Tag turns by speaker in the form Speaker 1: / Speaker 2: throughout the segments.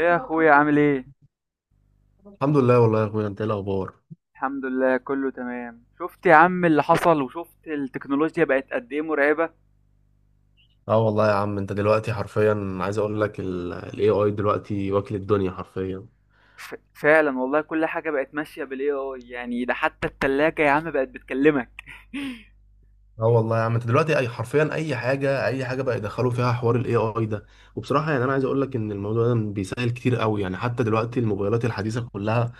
Speaker 1: ايه يا اخويا، عامل ايه؟
Speaker 2: الحمد لله والله يا اخويا، انت ايه الاخبار؟
Speaker 1: الحمد لله، كله تمام. شفت يا عم اللي حصل؟ وشفت التكنولوجيا بقت قد ايه مرعبة!
Speaker 2: اه والله يا عم، انت دلوقتي حرفيا عايز اقول لك الاي اي دلوقتي واكل الدنيا حرفيا.
Speaker 1: فعلا والله، كل حاجة بقت ماشية بالاي اي. يعني ده حتى التلاجة يا عم بقت بتكلمك.
Speaker 2: اه والله يا عم، انت دلوقتي اي حرفيا، اي حاجه بقى يدخلوا فيها حوار الاي اي ده. وبصراحه يعني انا عايز اقول لك ان الموضوع ده بيسهل كتير قوي، يعني حتى دلوقتي الموبايلات الحديثه كلها،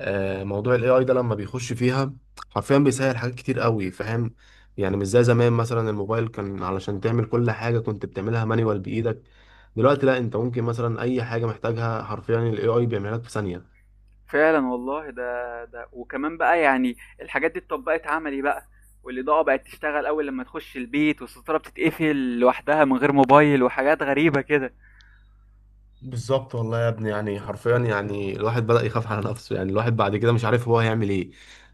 Speaker 2: موضوع الاي اي ده لما بيخش فيها حرفيا بيسهل حاجات كتير قوي. فاهم؟ يعني مش زي زمان مثلا، الموبايل كان علشان تعمل كل حاجه كنت بتعملها مانيوال بايدك. دلوقتي لا، انت ممكن مثلا اي حاجه محتاجها حرفيا الاي اي بيعملها لك في ثانيه.
Speaker 1: فعلا والله، ده وكمان بقى يعني الحاجات دي اتطبقت عملي بقى، والاضاءة بقت تشتغل اول لما تخش البيت، والستارة بتتقفل لوحدها من غير موبايل وحاجات غريبة كده.
Speaker 2: بالظبط والله يا ابني، يعني حرفيا يعني الواحد بدأ يخاف على نفسه، يعني الواحد بعد كده مش عارف هو هيعمل ايه.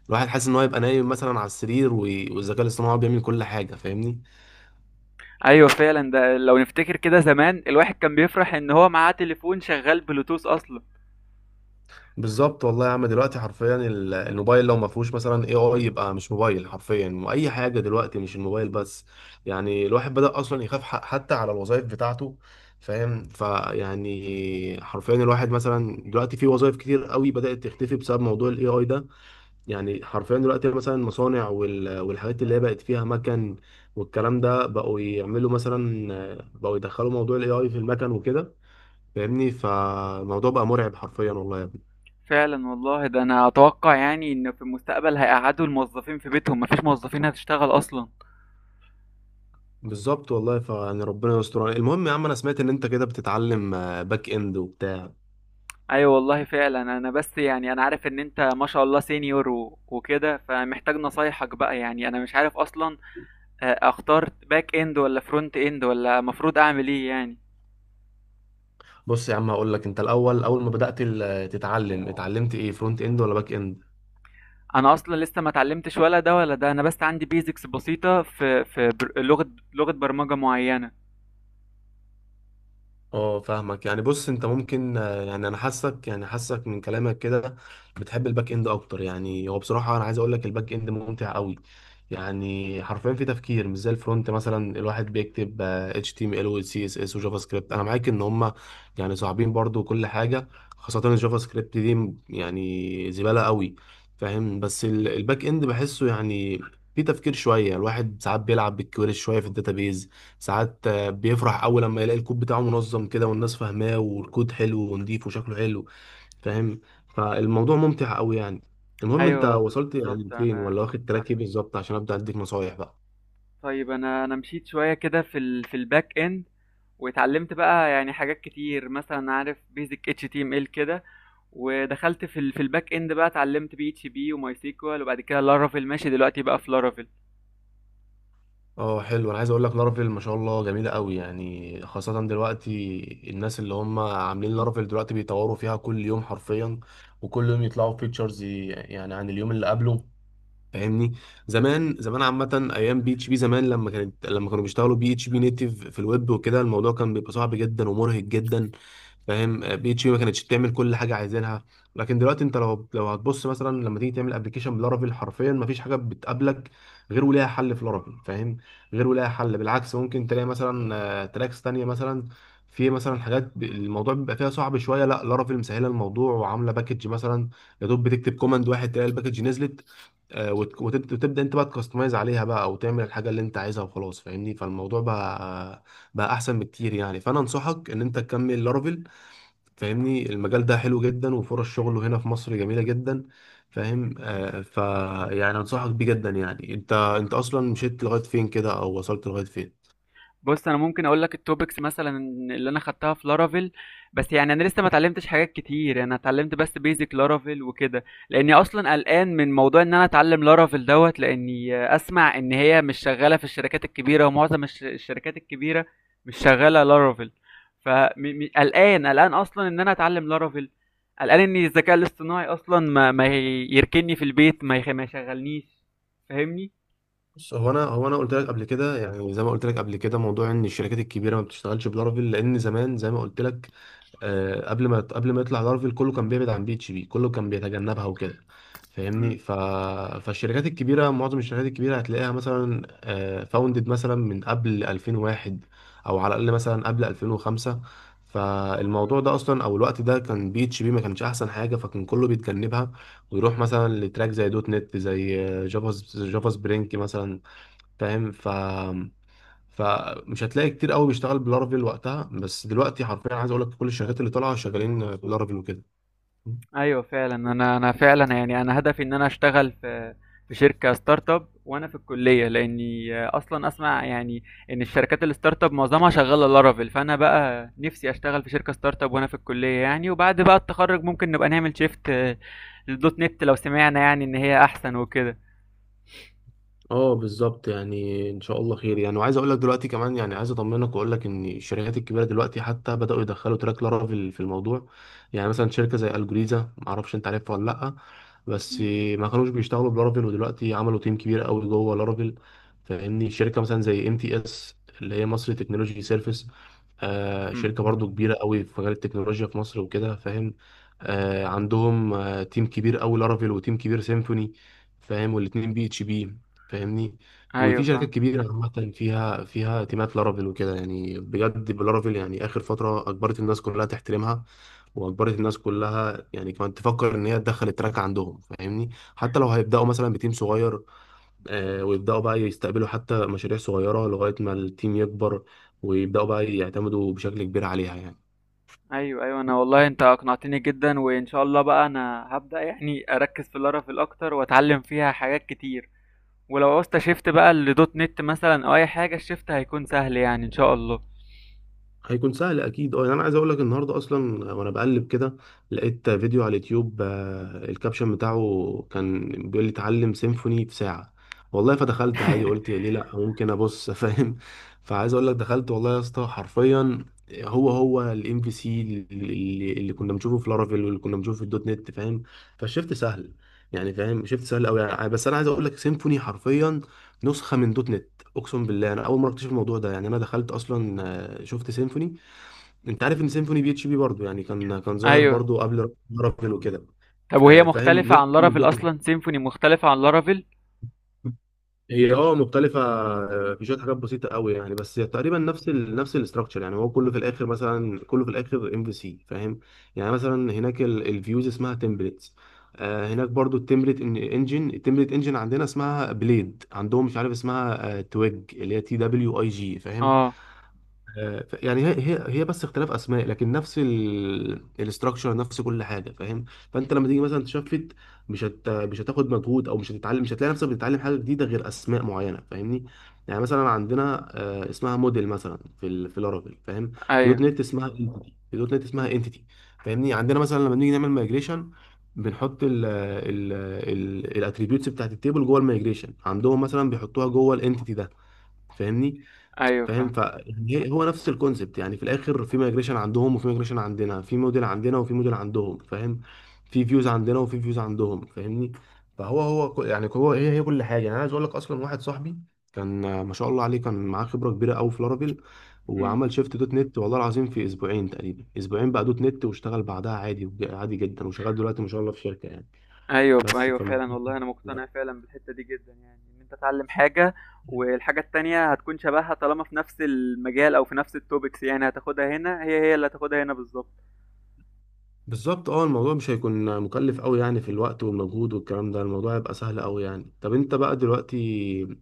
Speaker 2: الواحد حاسس ان هو يبقى نايم مثلا على السرير والذكاء الاصطناعي بيعمل كل حاجة. فاهمني؟
Speaker 1: ايوه فعلا، ده لو نفتكر كده زمان، الواحد كان بيفرح ان هو معاه تليفون شغال بلوتوث اصلا.
Speaker 2: بالظبط والله يا عم، دلوقتي حرفيا الموبايل لو ما فيهوش مثلا اي اي يبقى مش موبايل حرفيا، واي حاجة دلوقتي مش الموبايل بس. يعني الواحد بدأ اصلا يخاف حتى على الوظائف بتاعته. فاهم؟ فيعني حرفيا الواحد مثلا دلوقتي في وظائف كتير قوي بدأت تختفي بسبب موضوع الاي اي ده. يعني حرفيا دلوقتي مثلا المصانع والحاجات اللي هي بقت فيها مكن والكلام ده، بقوا يعملوا مثلا، بقوا يدخلوا موضوع الاي اي في المكن وكده. فاهمني؟ فالموضوع بقى مرعب حرفيا والله يا ابني.
Speaker 1: فعلا والله، ده انا اتوقع يعني ان في المستقبل هيقعدوا الموظفين في بيتهم، مفيش موظفين هتشتغل اصلا.
Speaker 2: بالظبط والله، فيعني ربنا يستر. المهم يا عم، انا سمعت ان انت كده بتتعلم باك اند وبتاع.
Speaker 1: ايوه والله فعلا، انا بس يعني انا عارف ان انت ما شاء الله سينيور و- وكده، فمحتاج نصايحك بقى. يعني انا مش عارف اصلا اختار باك اند ولا فرونت اند، ولا مفروض اعمل ايه يعني.
Speaker 2: بص يا عم، هقول لك انت الاول، اول ما بدأت تتعلم، اتعلمت ايه، فرونت اند ولا باك اند؟
Speaker 1: انا اصلا لسه ما اتعلمتش ولا ده ولا ده، انا بس عندي بيزكس بسيطة في لغة برمجة معينة.
Speaker 2: اه فاهمك. يعني بص، انت ممكن يعني انا حاسك، يعني حاسك من كلامك كده بتحب الباك اند اكتر. يعني هو بصراحه انا عايز اقول لك الباك اند ممتع قوي، يعني حرفيا في تفكير. مش زي الفرونت مثلا، الواحد بيكتب اتش تي ام ال وسي اس اس وجافا سكريبت. انا معاك ان هم يعني صعبين برضو كل حاجه، خاصه الجافا سكريبت دي يعني زباله قوي. فاهم؟ بس الباك اند بحسه يعني في تفكير شويه. الواحد ساعات بيلعب بالكويري شويه في الداتابيز. ساعات بيفرح اول لما يلاقي الكود بتاعه منظم كده والناس فاهماه، والكود حلو ونضيف وشكله حلو. فاهم؟ فالموضوع ممتع قوي يعني. المهم، انت
Speaker 1: ايوه
Speaker 2: وصلت يعني
Speaker 1: بالظبط.
Speaker 2: فين؟
Speaker 1: انا
Speaker 2: ولا واخد تراك ايه بالظبط عشان ابدا اديك نصايح بقى؟
Speaker 1: طيب، انا مشيت شويه كده في الباك اند، واتعلمت بقى يعني حاجات كتير. مثلا عارف بيزك اتش تي ام ال كده، ودخلت في الباك اند بقى. اتعلمت بي اتش بي وماي سيكوال، وبعد كده لارافيل. ماشي دلوقتي بقى في لارافيل.
Speaker 2: اه حلو. انا عايز اقول لك لارافيل ما شاء الله جميله قوي، يعني خاصه دلوقتي الناس اللي هم عاملين لارافيل دلوقتي بيطوروا فيها كل يوم حرفيا، وكل يوم يطلعوا فيتشرز يعني عن اليوم اللي قبله. فاهمني؟ زمان عامه ايام بي اتش بي زمان، لما كانوا بيشتغلوا بي اتش بي نيتيف في الويب وكده، الموضوع كان بيبقى صعب جدا ومرهق جدا. فاهم؟ بي اتش بي ما كانتش بتعمل كل حاجه عايزينها. لكن دلوقتي انت لو هتبص مثلا لما تيجي تعمل ابلكيشن بلارافيل، حرفيا ما فيش حاجه بتقابلك غير وليها حل في لارافيل. فاهم؟ غير وليها حل. بالعكس ممكن تلاقي مثلا تراكس تانية. مثلا في مثلا حاجات، الموضوع بيبقى فيها صعب شويه، لا لارافيل مسهله الموضوع وعامله باكج مثلا. يا دوب بتكتب كوماند واحد، تلاقي الباكج نزلت. وتبدا وتبدأ انت بقى تكستمايز عليها بقى وتعمل الحاجه اللي انت عايزها وخلاص. فاهمني؟ فالموضوع بقى بقى احسن بكتير يعني. فانا انصحك ان انت تكمل لارافيل. فاهمني؟ المجال ده حلو جدا وفرص شغله هنا في مصر جميله جدا. فاهم؟ آه ف يعني انصحك بيه جدا. يعني انت، انت اصلا مشيت لغايه فين كده او وصلت لغايه فين؟
Speaker 1: بص، انا ممكن اقول لك التوبكس مثلا اللي انا خدتها في لارافيل، بس يعني انا لسه ما اتعلمتش حاجات كتير. انا اتعلمت بس بيزك لارافيل وكده، لاني اصلا قلقان من موضوع ان انا اتعلم لارافيل دوت. لاني اسمع ان هي مش شغاله في الشركات الكبيره، ومعظم الشركات الكبيره مش شغاله لارافيل. فقلقان اصلا ان انا اتعلم لارافيل، قلقان ان الذكاء الاصطناعي اصلا ما يركني في البيت، ما يشغلنيش. فاهمني.
Speaker 2: بص، هو انا قلت لك قبل كده، يعني زي ما قلت لك قبل كده، موضوع ان الشركات الكبيره ما بتشتغلش بلارافيل. لان زمان، زي ما قلت لك، قبل ما يطلع لارفيل كله كان بيبعد عن بي اتش بي، كله كان بيتجنبها وكده. فاهمني؟ فالشركات الكبيره، معظم الشركات الكبيره هتلاقيها مثلا فاوندد مثلا من قبل 2001، او على الاقل مثلا قبل 2005. فالموضوع ده اصلا، او الوقت ده، كان بي اتش بي ما كانش احسن حاجه، فكان كله بيتجنبها ويروح مثلا لتراك زي دوت نت، زي جافا سبرينج مثلا. فاهم؟ ف فمش هتلاقي كتير قوي بيشتغل بلارافيل وقتها. بس دلوقتي حرفيا عايز اقول لك كل الشركات اللي طالعه شغالين بلارافيل وكده.
Speaker 1: ايوه فعلا، انا فعلا يعني انا هدفي ان انا اشتغل في شركه ستارت اب وانا في الكليه، لاني اصلا اسمع يعني ان الشركات الستارت اب معظمها شغاله لارافيل. فانا بقى نفسي اشتغل في شركه ستارت اب وانا في الكليه يعني، وبعد بقى التخرج ممكن نبقى نعمل شيفت للدوت نت لو سمعنا يعني ان هي احسن وكده.
Speaker 2: اه بالظبط. يعني ان شاء الله خير. يعني وعايز اقول لك دلوقتي كمان، يعني عايز اطمنك واقول لك ان الشركات الكبيره دلوقتي حتى بداوا يدخلوا تراك لارافيل في الموضوع. يعني مثلا شركه زي الجوريزا، ما اعرفش انت عارفها ولا لا، بس ما كانوش بيشتغلوا بلارافيل ودلوقتي عملوا تيم كبير قوي جوه لارافيل. فاهمني؟ شركه مثلا زي ام تي اس، اللي هي مصر تكنولوجي سيرفيس، آه
Speaker 1: مم.
Speaker 2: شركه برضو كبيره قوي في مجال التكنولوجيا في مصر وكده. فاهم؟ آه عندهم آه تيم كبير قوي لارافيل وتيم كبير سيمفوني. فاهم؟ والاتنين بي اتش بي. فاهمني؟
Speaker 1: ايوه
Speaker 2: وفي شركات
Speaker 1: فاهم.
Speaker 2: كبيرة عامة فيها تيمات لارافيل وكده يعني. بجد بلارافيل يعني آخر فترة أجبرت الناس كلها تحترمها، وأجبرت الناس كلها يعني كمان تفكر إن هي تدخل التراك عندهم. فاهمني؟ حتى لو هيبدأوا مثلا بتيم صغير، آه ويبدأوا بقى يستقبلوا حتى مشاريع صغيرة لغاية ما التيم يكبر، ويبدأوا بقى يعتمدوا بشكل كبير عليها يعني.
Speaker 1: ايوه، ايوه، انا والله انت اقنعتني جدا، وان شاء الله بقى انا هبدأ يعني اركز في لارافيل اكتر واتعلم فيها حاجات كتير. ولو عوزت شيفت بقى لدوت نت مثلا او اي حاجه، الشيفت هيكون سهل يعني ان شاء الله.
Speaker 2: هيكون سهل اكيد. اه يعني انا عايز اقول لك النهارده اصلا وانا بقلب كده لقيت فيديو على اليوتيوب، الكابشن بتاعه كان بيقول لي: اتعلم سيمفوني في ساعه. والله فدخلت عادي، قلت ليه لا، ممكن ابص فاهم؟ فعايز اقول لك دخلت والله يا اسطى حرفيا، هو الام في سي اللي كنا بنشوفه في لارافيل واللي كنا بنشوفه في الدوت نت. فاهم؟ فالشفت سهل يعني. فاهم؟ شفت سهل قوي يعني. بس انا عايز اقول لك سيمفوني حرفيا نسخه من دوت نت. اقسم بالله انا اول مره اكتشف الموضوع ده. يعني انا دخلت اصلا شفت سيمفوني. انت عارف ان سيمفوني بي اتش بي برضه يعني، كان ظاهر
Speaker 1: ايوه.
Speaker 2: برضه قبل رافل وكده.
Speaker 1: طب وهي
Speaker 2: فاهم
Speaker 1: مختلفه
Speaker 2: نص
Speaker 1: عن لارافيل
Speaker 2: اللوجو.
Speaker 1: اصلا؟ سيمفوني مختلفه عن لارافيل؟
Speaker 2: هي اه مختلفة، في شوية حاجات بسيطة قوي يعني، بس تقريبا نفس الاستراكشر. يعني هو كله في الآخر مثلا، كله في الآخر ام في سي. فاهم؟ يعني مثلا هناك الفيوز اسمها تمبلتس. هناك برضو التمبلت انجن، التمبلت انجن عندنا اسمها بليد، عندهم مش عارف اسمها تويج، اللي هي تي دبليو اي جي. فاهم؟
Speaker 1: اه.
Speaker 2: يعني هي بس اختلاف اسماء، لكن نفس الاستراكشر، نفس كل حاجه. فاهم؟ فانت لما تيجي مثلا تشفت، مش هتاخد مجهود، او مش هتتعلم، مش هتلاقي نفسك بتتعلم حاجه جديده غير اسماء معينه. فاهمني؟ يعني مثلا عندنا اسمها موديل مثلا في في لارافيل. فاهم؟
Speaker 1: ايوه،
Speaker 2: في دوت نت اسمها انتيتي. فاهمني؟ عندنا مثلا لما بنيجي نعمل مايجريشن بنحط ال الاتريبيوتس بتاعت التيبل جوه المايجريشن، عندهم مثلا بيحطوها جوه الانتيتي ده. فاهمني؟
Speaker 1: ايوه،
Speaker 2: فاهم؟
Speaker 1: فاهم.
Speaker 2: ف يعني هو نفس الكونسبت. يعني في الاخر في مigration عندهم وفي migration عندنا، في موديل عندنا وفي موديل عندهم. فاهم؟ في فيوز عندنا وفي فيوز عندهم. فاهمني؟ فهو يعني هو هي هي كل حاجه. يعني انا عايز اقول لك اصلا واحد صاحبي كان ما شاء الله عليه، كان معاه خبره كبيره قوي في لارافيل،
Speaker 1: أمم.
Speaker 2: وعمل شيفت دوت نت والله العظيم في اسبوعين تقريبا. اسبوعين بقى دوت نت، واشتغل بعدها عادي عادي جدا، وشغال دلوقتي ما شاء الله في شركه يعني.
Speaker 1: ايوه،
Speaker 2: بس
Speaker 1: ايوه، فعلا
Speaker 2: فالموضوع
Speaker 1: والله انا مقتنع فعلا بالحته دي جدا، يعني ان انت تتعلم حاجه والحاجه التانية هتكون شبهها طالما في نفس المجال او في نفس التوبكس. يعني هتاخدها هنا، هي هي اللي هتاخدها هنا بالظبط.
Speaker 2: بالظبط. اه الموضوع مش هيكون مكلف قوي يعني في الوقت والمجهود والكلام ده، الموضوع هيبقى سهل قوي يعني. طب انت بقى دلوقتي،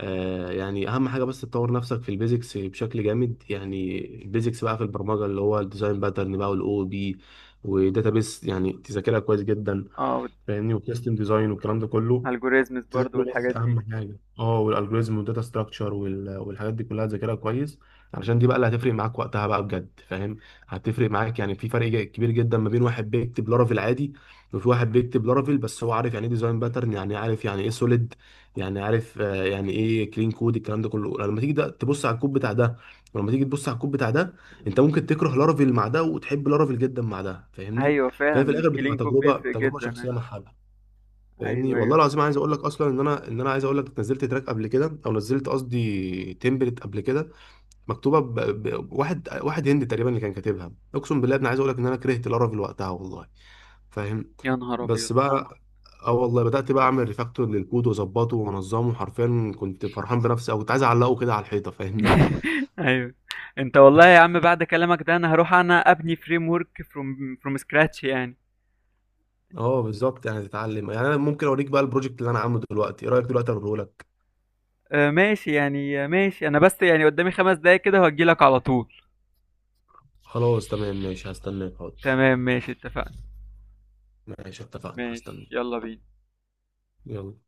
Speaker 2: آه يعني اهم حاجه بس تطور نفسك في البيزكس بشكل جامد. يعني البيزكس بقى في البرمجه اللي هو الديزاين باترن بقى، والاو بي، وداتابيس، يعني تذاكرها كويس جدا.
Speaker 1: اه،
Speaker 2: فاهمني؟ وسيستم ديزاين والكلام ده كله
Speaker 1: الجوريزمز برضو
Speaker 2: تذاكره. بس
Speaker 1: والحاجات دي.
Speaker 2: اهم حاجه اه والالجوريزم والداتا ستراكشر والحاجات دي كلها تذاكرها كويس علشان دي بقى اللي هتفرق معاك وقتها بقى بجد. فاهم؟ هتفرق معاك يعني. في فرق كبير جدا ما بين واحد بيكتب لارافيل عادي، وفي واحد بيكتب لارافيل بس هو عارف يعني ايه ديزاين باترن، يعني عارف يعني ايه سوليد، يعني عارف يعني ايه كلين كود. الكلام ده كله، لما تيجي ده تبص على الكود بتاع ده ولما تيجي تبص على الكود بتاع ده، انت ممكن تكره لارافيل مع ده وتحب لارافيل جدا مع ده. فاهمني؟
Speaker 1: ايوه
Speaker 2: فهي في
Speaker 1: فعلا،
Speaker 2: الاخر بتبقى
Speaker 1: الكلين كود بيفرق
Speaker 2: تجربه
Speaker 1: جدا.
Speaker 2: شخصيه مع حد. فاهمني؟
Speaker 1: ايوه،
Speaker 2: والله
Speaker 1: ايوه.
Speaker 2: العظيم عايز اقول لك اصلا ان انا عايز اقول لك نزلت تراك قبل كده، او نزلت قصدي تمبلت قبل كده، مكتوبه واحد واحد هندي تقريبا اللي كان كاتبها. اقسم بالله انا عايز اقول لك ان انا كرهت لارافيل وقتها والله. فاهم؟
Speaker 1: يا نهار ابيض!
Speaker 2: بس بقى اه والله بدات بقى اعمل ريفاكتور للكود واظبطه وانظمه حرفيا. كنت فرحان بنفسي، او كنت عايز اعلقه كده على الحيطه. فاهمني؟
Speaker 1: ايوه. انت والله يا عم بعد كلامك ده انا هروح انا ابني فريم ورك فروم سكراتش يعني.
Speaker 2: اه بالظبط. يعني تتعلم. يعني انا ممكن اوريك بقى البروجكت اللي انا عامله دلوقتي، ايه رايك دلوقتي اوريه لك؟
Speaker 1: آه ماشي يعني، ماشي. انا بس يعني قدامي 5 دقايق كده وهجيلك على طول.
Speaker 2: خلاص تمام ماشي، هستناك حاضر.
Speaker 1: تمام، ماشي، اتفقنا.
Speaker 2: ماشي اتفقنا، هستناك.
Speaker 1: ماشي، يلا بينا.
Speaker 2: يلا.